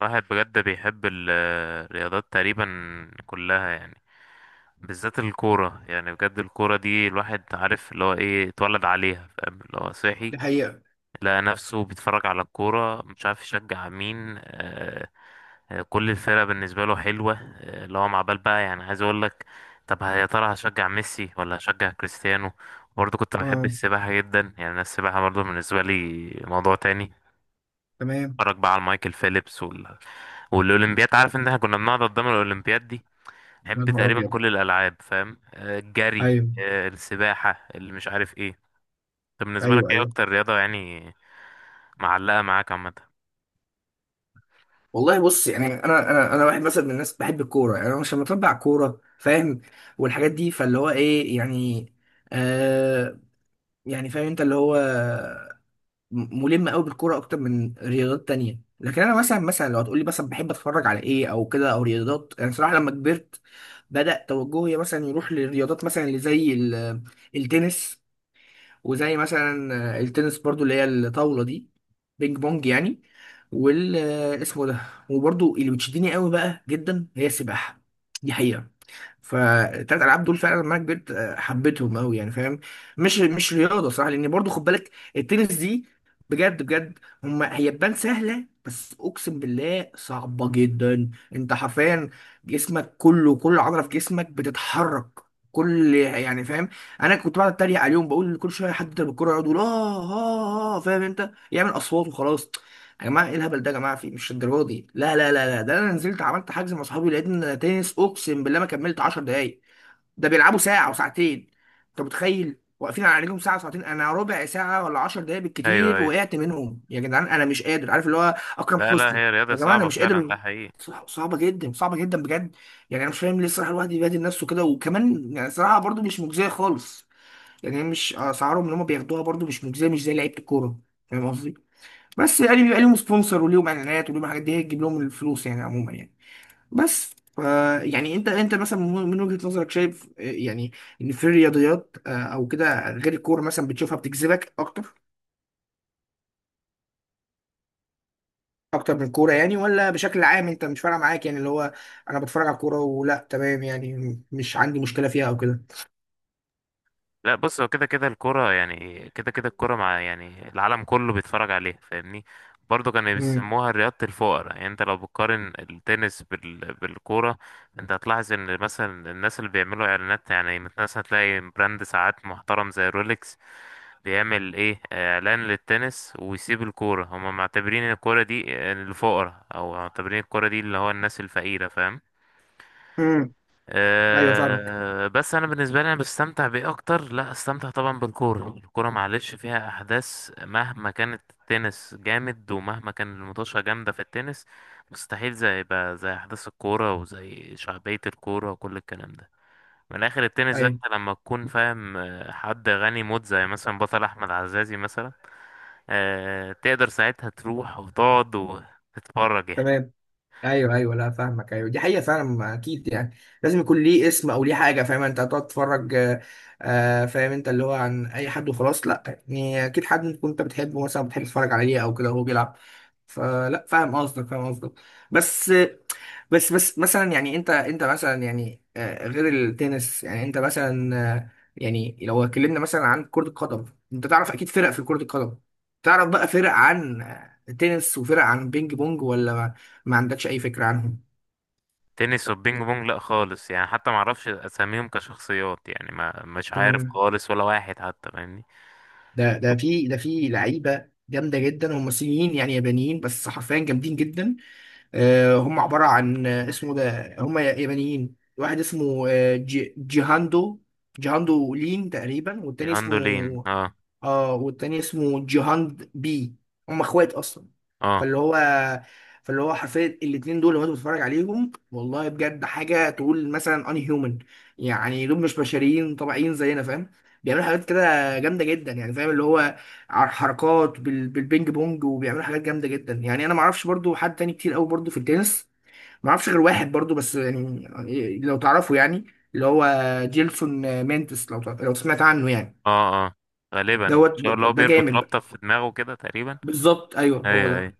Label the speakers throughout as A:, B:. A: واحد بجد بيحب الرياضات تقريبا كلها يعني، بالذات الكورة. يعني بجد الكورة دي الواحد عارف اللي هو ايه، اتولد عليها، فاهم اللي هو صحي.
B: دي حقيقة.
A: لقى نفسه بيتفرج على الكورة مش عارف يشجع مين. آه آه، كل الفرق بالنسبة له حلوة. آه، اللي هو مع بال بقى، يعني عايز اقول لك، طب يا ترى هشجع ميسي ولا هشجع كريستيانو؟ برضه كنت بحب
B: اه،
A: السباحة جدا، يعني أنا السباحة برضه بالنسبة لي موضوع تاني.
B: تمام.
A: اتفرج بقى على مايكل فيليبس والاولمبياد، عارف ان احنا كنا بنقعد قدام الاولمبياد دي،
B: يا
A: نحب
B: نهار
A: تقريبا
B: ابيض!
A: كل الالعاب. فاهم؟ آه، الجري
B: ايوه
A: آه، السباحه اللي مش عارف ايه. طب بالنسبه لك
B: ايوه
A: ايه
B: ايوه.
A: اكتر رياضه يعني معلقه معاك عامه؟
B: والله بص، يعني انا واحد مثلا من الناس بحب الكوره. يعني انا مش لما اتابع كوره فاهم والحاجات دي، فاللي هو ايه يعني؟ آه، يعني فاهم انت اللي هو ملم قوي بالكوره اكتر من رياضات تانية. لكن انا مثلا لو هتقولي مثلا بحب اتفرج على ايه او كده او رياضات، يعني صراحه لما كبرت بدأ توجهي مثلا يروح للرياضات مثلا التنس، وزي مثلا التنس برضو اللي هي الطاولة دي، بينج بونج يعني. وال آه، اسمه ده وبرضو اللي بتشدني قوي بقى جدا هي السباحة. دي حقيقة. فالتلات العاب دول فعلا لما أنا كبرت حبيتهم قوي يعني فاهم. مش رياضه صح، لان برضو خد بالك التنس دي، بجد بجد، هما هي تبان سهله بس اقسم بالله صعبه جدا. انت حرفيا جسمك كله، كل عضله في جسمك بتتحرك، كل يعني فاهم. انا كنت بقعد اتريق عليهم بقول كل شويه حد يضرب الكوره يقعد يقول اه اه اه، فاهم انت، يعمل اصوات وخلاص. يا جماعه ايه الهبل ده، يا جماعه في مش الدرجه دي. لا، ده انا نزلت عملت حجز مع اصحابي، لقيت ان تنس اقسم بالله ما كملت 10 دقايق. ده بيلعبوا ساعه وساعتين، انت متخيل، واقفين على رجلهم ساعه وساعتين. انا ربع ساعه ولا 10 دقايق
A: ايوه
B: بالكتير
A: ايوه.
B: وقعت منهم. يا جدعان انا مش قادر، عارف اللي هو اكرم
A: لا لا،
B: حسني،
A: هي رياضه
B: يا جماعه انا
A: صعبه
B: مش
A: فعلا،
B: قادر.
A: ده حقيقي.
B: صعبه جدا، صعبه جدا بجد. يعني انا مش فاهم ليه الصراحه الواحد يبهدل نفسه كده، وكمان يعني الصراحه برضو مش مجزيه خالص. يعني مش اسعارهم اللي هم بياخدوها برضو مش مجزيه، مش زي لعيبه الكوره، فاهم قصدي. بس يعني بيبقى ليهم سبونسر وليهم اعلانات وليهم حاجات، دي هي تجيب لهم الفلوس يعني عموما يعني. بس ف يعني انت مثلا من وجهة نظرك شايف، يعني ان في الرياضيات او كده غير الكوره مثلا بتشوفها بتجذبك اكتر، اكتر من الكوره؟ يعني ولا بشكل عام انت مش فارقه معاك، يعني اللي هو انا بتفرج على الكوره ولا تمام يعني مش عندي مشكله فيها او كده.
A: لا بص، هو كده كده الكرة، يعني كده كده الكرة مع يعني العالم كله بيتفرج عليها، فاهمني؟ برضه كانوا
B: امم.
A: بيسموها رياضة الفقراء. يعني انت لو بتقارن التنس بالكورة، انت هتلاحظ ان مثلا الناس اللي بيعملوا اعلانات، يعني مثلا تلاقي براند ساعات محترم زي رولكس بيعمل ايه، اعلان للتنس ويسيب الكورة. هما معتبرين الكورة دي الفقراء، او معتبرين الكورة دي اللي هو الناس الفقيرة، فاهم؟
B: امم. ايوه فاهمك.
A: أه بس انا بالنسبه لي انا بستمتع بايه اكتر؟ لا، استمتع طبعا بالكوره. الكوره معلش فيها احداث، مهما كانت التنس جامد ومهما كان المطوشه جامده في التنس، مستحيل زي بقى زي احداث الكوره وزي شعبيه الكوره وكل الكلام ده. من الاخر، التنس ده
B: ايوه
A: انت لما تكون فاهم آه، حد غني موت زي مثلا بطل احمد عزازي مثلا، أه تقدر ساعتها تروح وتقعد وتتفرج يعني.
B: تمام. ايوه ايوه، لا فاهمك، ايوه دي حقيقه فعلا. ما اكيد يعني لازم يكون ليه اسم او ليه حاجه، فاهم انت، هتقعد تتفرج فاهم انت اللي هو عن اي حد وخلاص؟ لا. يعني اكيد حد تكون انت بتحبه مثلا، بتحب تتفرج عليه او كده وهو بيلعب. فلا فاهم قصدك، فاهم قصدك. بس بس مثلا يعني انت مثلا، يعني غير التنس، يعني انت مثلا يعني لو اتكلمنا مثلا عن كرة القدم، انت تعرف اكيد فرق في كرة القدم، تعرف بقى فرق عن تنس وفرق عن بينج بونج، ولا ما عندكش اي فكرة عنهم؟
A: تنس والبينج بونج لا خالص، يعني حتى ما اعرفش اساميهم كشخصيات يعني، ما مش عارف
B: تمام.
A: خالص ولا واحد حتى، فاهمني؟
B: ده ده في ده في لعيبة جامدة جدا، هم صينيين يعني يابانيين، بس حرفيا جامدين جدا. هم عبارة عن آه، اسمه ده هم يابانيين، واحد اسمه جيهاندو، جيهاندو لين تقريبا، والتاني اسمه،
A: جاندولين اه
B: اه، والتاني اسمه جيهان بي، هم اخوات اصلا.
A: اه
B: فاللي هو فاللي هو حرفيا الاتنين دول لو انت بتتفرج عليهم، والله بجد حاجه تقول مثلا ان هيومن، يعني دول مش بشريين طبيعيين زينا فاهم. بيعملوا حاجات كده جامده جدا يعني فاهم اللي هو حركات بالبينج بونج، وبيعملوا حاجات جامده جدا. يعني انا ما اعرفش برضو حد تاني كتير قوي برضو في التنس، ما اعرفش غير واحد برضو بس يعني لو تعرفه يعني، اللي هو جيلسون مينتس، لو سمعت عنه يعني.
A: اه اه. غالبا ان
B: دوت.
A: شاء الله هو
B: ده
A: بيربط
B: جامد.
A: رابطة في دماغه كده تقريبا.
B: بالظبط، ايوه هو
A: ايوه
B: ده.
A: ايوه.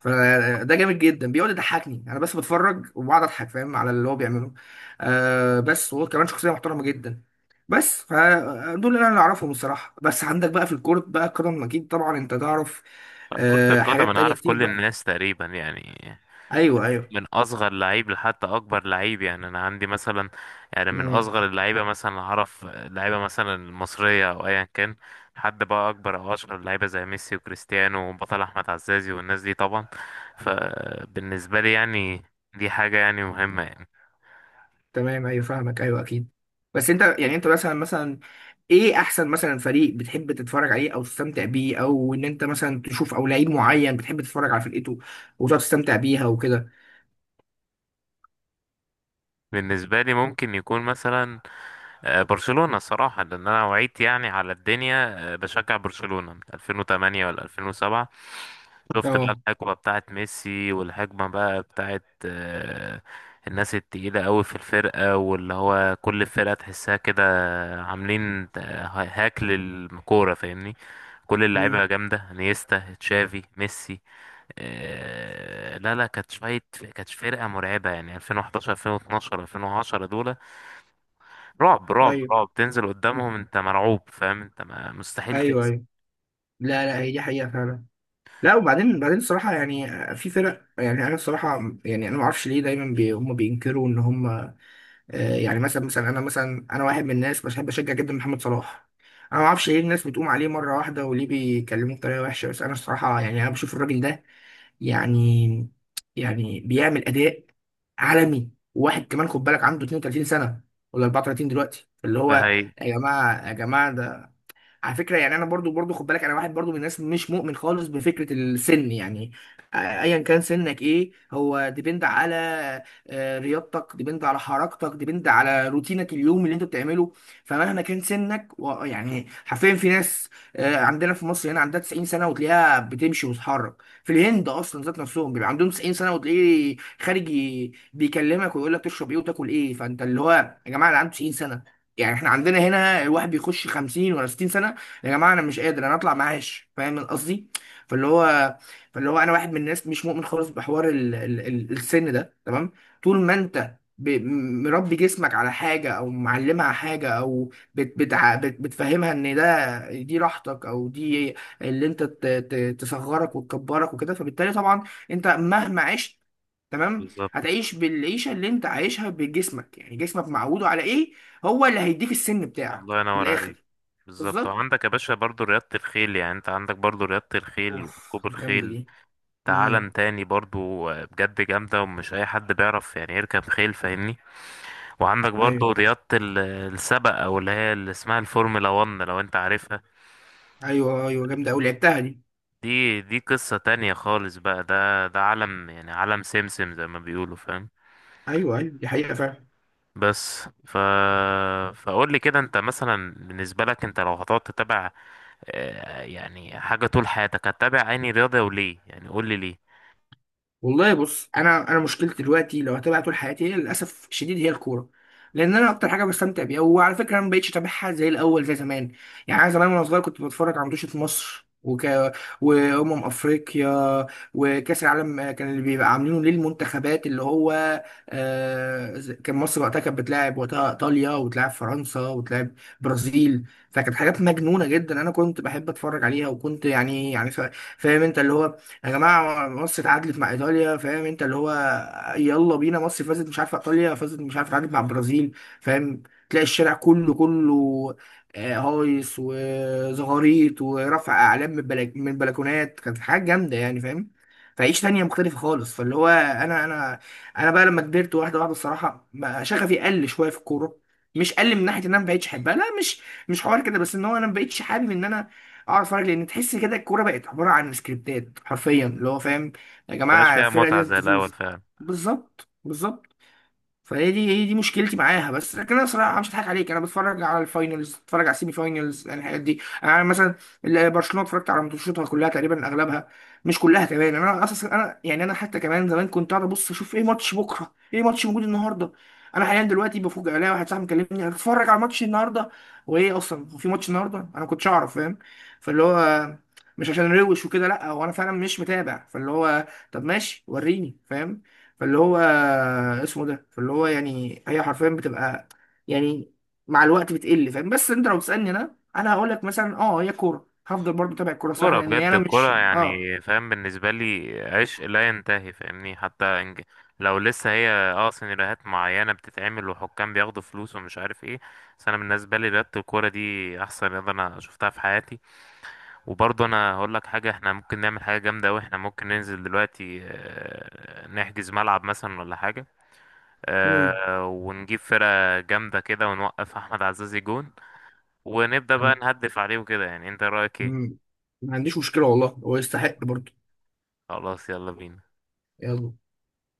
B: فده جامد جدا، بيقعد يضحكني، انا بس بتفرج وبقعد اضحك فاهم على اللي هو بيعمله. آه، بس وهو كمان شخصيه محترمه جدا. بس فدول اللي انا اعرفهم الصراحه. بس عندك بقى في الكورت بقى كرم اكيد طبعا انت تعرف،
A: كرة
B: آه،
A: القدم
B: حاجات
A: انا
B: تانية
A: عارف
B: كتير
A: كل
B: بقى.
A: الناس تقريبا يعني،
B: ايوه ايوه.
A: من اصغر لعيب لحتى اكبر لعيب. يعني انا عندي مثلا، يعني من
B: مم.
A: اصغر اللعيبه مثلا اعرف لعيبه مثلا المصريه او ايا كان، لحد بقى اكبر او اشهر لعيبه زي ميسي وكريستيانو وبطل احمد عزازي والناس دي طبعا. فبالنسبه لي يعني دي حاجه يعني مهمه يعني.
B: تمام ايوه فاهمك، ايوه اكيد. بس انت يعني انت مثلا، ايه احسن مثلا فريق بتحب تتفرج عليه او تستمتع بيه، او ان انت مثلا تشوف او لعيب معين بتحب تتفرج على فرقته وتقعد تستمتع بيها وكده؟
A: بالنسبه لي ممكن يكون مثلا آه، برشلونه الصراحه، لان انا وعيت يعني على الدنيا آه، بشجع برشلونه من 2008 ولا 2007. شفت بقى
B: اه.
A: الحقبة بتاعت ميسي والحقبة بقى بتاعت آه، الناس التقيلة قوي في الفرقة، واللي هو كل فرقة تحسها كده عاملين هاك للكورة، فاهمني؟ كل
B: امم.
A: اللعيبة جامدة، انيستا، تشافي، ميسي. آه، لا لا، كانت شوية، كانت فرقة مرعبة يعني 2011، 2012، 2010 دول. رعب رعب
B: ايوه
A: رعب، تنزل قدامهم انت مرعوب، فاهم انت؟ ما مستحيل
B: ايوه
A: تكسب.
B: ايوه. لا لا، هي دي حقيقة فعلا. لا وبعدين الصراحة يعني في فرق، يعني انا الصراحة يعني انا ما اعرفش ليه دايما بي هم بينكروا ان هم، يعني مثلا انا مثلا، انا واحد من الناس بحب اشجع جدا محمد صلاح. انا ما اعرفش ليه الناس بتقوم عليه مرة واحدة، وليه بيكلموه بطريقة وحشة. بس انا الصراحة يعني انا بشوف الراجل ده، يعني بيعمل اداء عالمي، واحد كمان خد بالك عنده 32 سنة ولا 34 دلوقتي اللي
A: ده
B: هو.
A: هي.
B: يا جماعة، يا جماعة، على فكره يعني انا برضو خد بالك، انا واحد برضو من الناس مش مؤمن خالص بفكره السن يعني. ايا كان سنك، ايه هو ديبند على رياضتك، ديبند على حركتك، ديبند على روتينك اليوم اللي انت بتعمله. فمهما كان سنك يعني حرفيا في ناس عندنا في مصر هنا عندها 90 سنه وتلاقيها بتمشي وتتحرك. في الهند اصلا ذات نفسهم بيبقى عندهم 90 سنه، وتلاقيه خارج بيكلمك ويقول لك تشرب ايه وتاكل ايه. فانت اللي هو، يا جماعه اللي عنده 90 سنه، يعني احنا عندنا هنا الواحد بيخش 50 ولا 60 سنه، يا جماعه انا مش قادر انا اطلع معاش، فاهم قصدي. فاللي هو فاللي هو انا واحد من الناس مش مؤمن خالص بحوار السن ده، تمام. طول ما انت مربي جسمك على حاجه، او معلمها حاجه، او بتفهمها ان ده دي راحتك، او دي اللي انت تصغرك وتكبرك وكده، فبالتالي طبعا انت مهما عشت، تمام، هتعيش بالعيشه اللي انت عايشها بجسمك، يعني جسمك معوده على ايه هو اللي هيديك السن بتاعك
A: الله
B: من
A: ينور عليك.
B: الاخر.
A: بالظبط.
B: بالظبط.
A: وعندك يا باشا برضو رياضة الخيل، يعني انت عندك برضو رياضة الخيل
B: اوف
A: وركوب
B: جامده
A: الخيل،
B: دي.
A: ده
B: امم.
A: عالم تاني برضو بجد، جامدة ومش أي حد بيعرف يعني يركب خيل، فاهمني؟ وعندك
B: ايوه
A: برضو السبق، أو اللي هي اللي اسمها الفورمولا 1 لو انت عارفها.
B: ايوه. ايوه جامده قوي لعبتها دي.
A: دي دي قصة تانية خالص بقى، ده ده عالم يعني عالم سمسم زي ما بيقولوا، فاهم؟
B: ايوه ايوه دي حقيقه فعلا.
A: بس ف فقول لي كده، انت مثلا بالنسبة لك، انت لو هتقعد تتابع آه، يعني حاجة طول حياتك، هتتابع عيني رياضة وليه؟ يعني قول لي ليه.
B: والله بص، انا مشكلتي دلوقتي لو هتابع طول حياتي هي للاسف الشديد هي الكوره، لان انا اكتر حاجه بستمتع بيها. وعلى فكره انا ما بقتش اتابعها زي الاول زي زمان. يعني انا زمان وانا صغير كنت بتفرج على ماتشات مصر وامم افريقيا، وكاس العالم كان اللي بيبقى عاملينه للمنتخبات اللي هو كان مصر وقتها كانت بتلاعب وقتها ايطاليا، وتلاعب فرنسا، وتلاعب برازيل. فكانت حاجات مجنونه جدا، انا كنت بحب اتفرج عليها، وكنت يعني يعني فاهم انت اللي هو، يا جماعه مصر اتعادلت مع ايطاليا، فاهم انت اللي هو، يلا بينا مصر فازت، مش عارفه ايطاليا فازت، مش عارفه اتعادلت مع البرازيل، فاهم. تلاقي الشارع كله هايص وزغاريط ورفع اعلام من بلك من البلكونات، كانت حاجه جامده يعني فاهم. فعيش تانية مختلفة خالص. فاللي هو أنا بقى لما كبرت واحدة واحدة، الصراحة شغفي قل شوية في الكورة. مش قل من ناحية إن أنا ما بقتش أحبها، لا، مش حوار كده، بس إن هو أنا ما بقتش حابب إن أنا اقعد اتفرج، لان تحس كده الكوره بقت عباره عن سكريبتات حرفيا اللي هو فاهم، يا
A: مبقاش
B: جماعه
A: فيها
B: الفرقه دي
A: متعة
B: لازم
A: زي الأول
B: تفوز.
A: فعلا.
B: بالظبط، بالظبط. فهي دي هي دي مشكلتي معاها. بس لكن انا صراحه مش هضحك عليك، انا بتفرج على الفاينلز، بتفرج على السيمي فاينلز، يعني الحاجات دي. انا مثلا برشلونه اتفرجت على ماتشاتها كلها تقريبا اغلبها، مش كلها كمان. انا اصلا انا حتى كمان زمان كنت قاعد ابص اشوف ايه ماتش بكره، ايه ماتش موجود النهارده. انا حاليا دلوقتي بفوجئ الاقي واحد صاحبي مكلمني هتتفرج على ماتش النهارده، وايه اصلا هو في ماتش النهارده؟ انا ما كنتش اعرف فاهم. فاللي هو مش عشان روش وكده، لا، هو انا فعلا مش متابع. فاللي هو طب ماشي وريني فاهم. فاللي هو فاللي هو يعني هي حرفيا بتبقى يعني مع الوقت بتقل فاهم. بس انت لو تسالني، انا هقول لك مثلا اه هي كوره، هفضل برضه اتابع الكوره صح،
A: كورة
B: لان
A: بجد،
B: انا مش
A: الكورة
B: اه.
A: يعني فاهم، بالنسبة لي عشق لا ينتهي، فاهمني؟ حتى إنج- لو لسه هي اه سيناريوهات معينة بتتعمل وحكام بياخدوا فلوس ومش عارف ايه، بس أنا بالنسبة لي رياضة الكورة دي أحسن رياضة أنا شفتها في حياتي. وبرضه أنا هقول لك حاجة، احنا ممكن نعمل حاجة جامدة أوي. احنا ممكن ننزل دلوقتي آه، نحجز ملعب مثلا ولا حاجة،
B: مم.
A: آه، ونجيب فرقة جامدة كده، ونوقف أحمد عزازي جون، ونبدأ بقى نهدف عليه وكده. يعني أنت رأيك إيه؟
B: مم. ما عنديش مشكله والله، هو يستحق برضه.
A: خلاص يلا بينا.
B: يلا.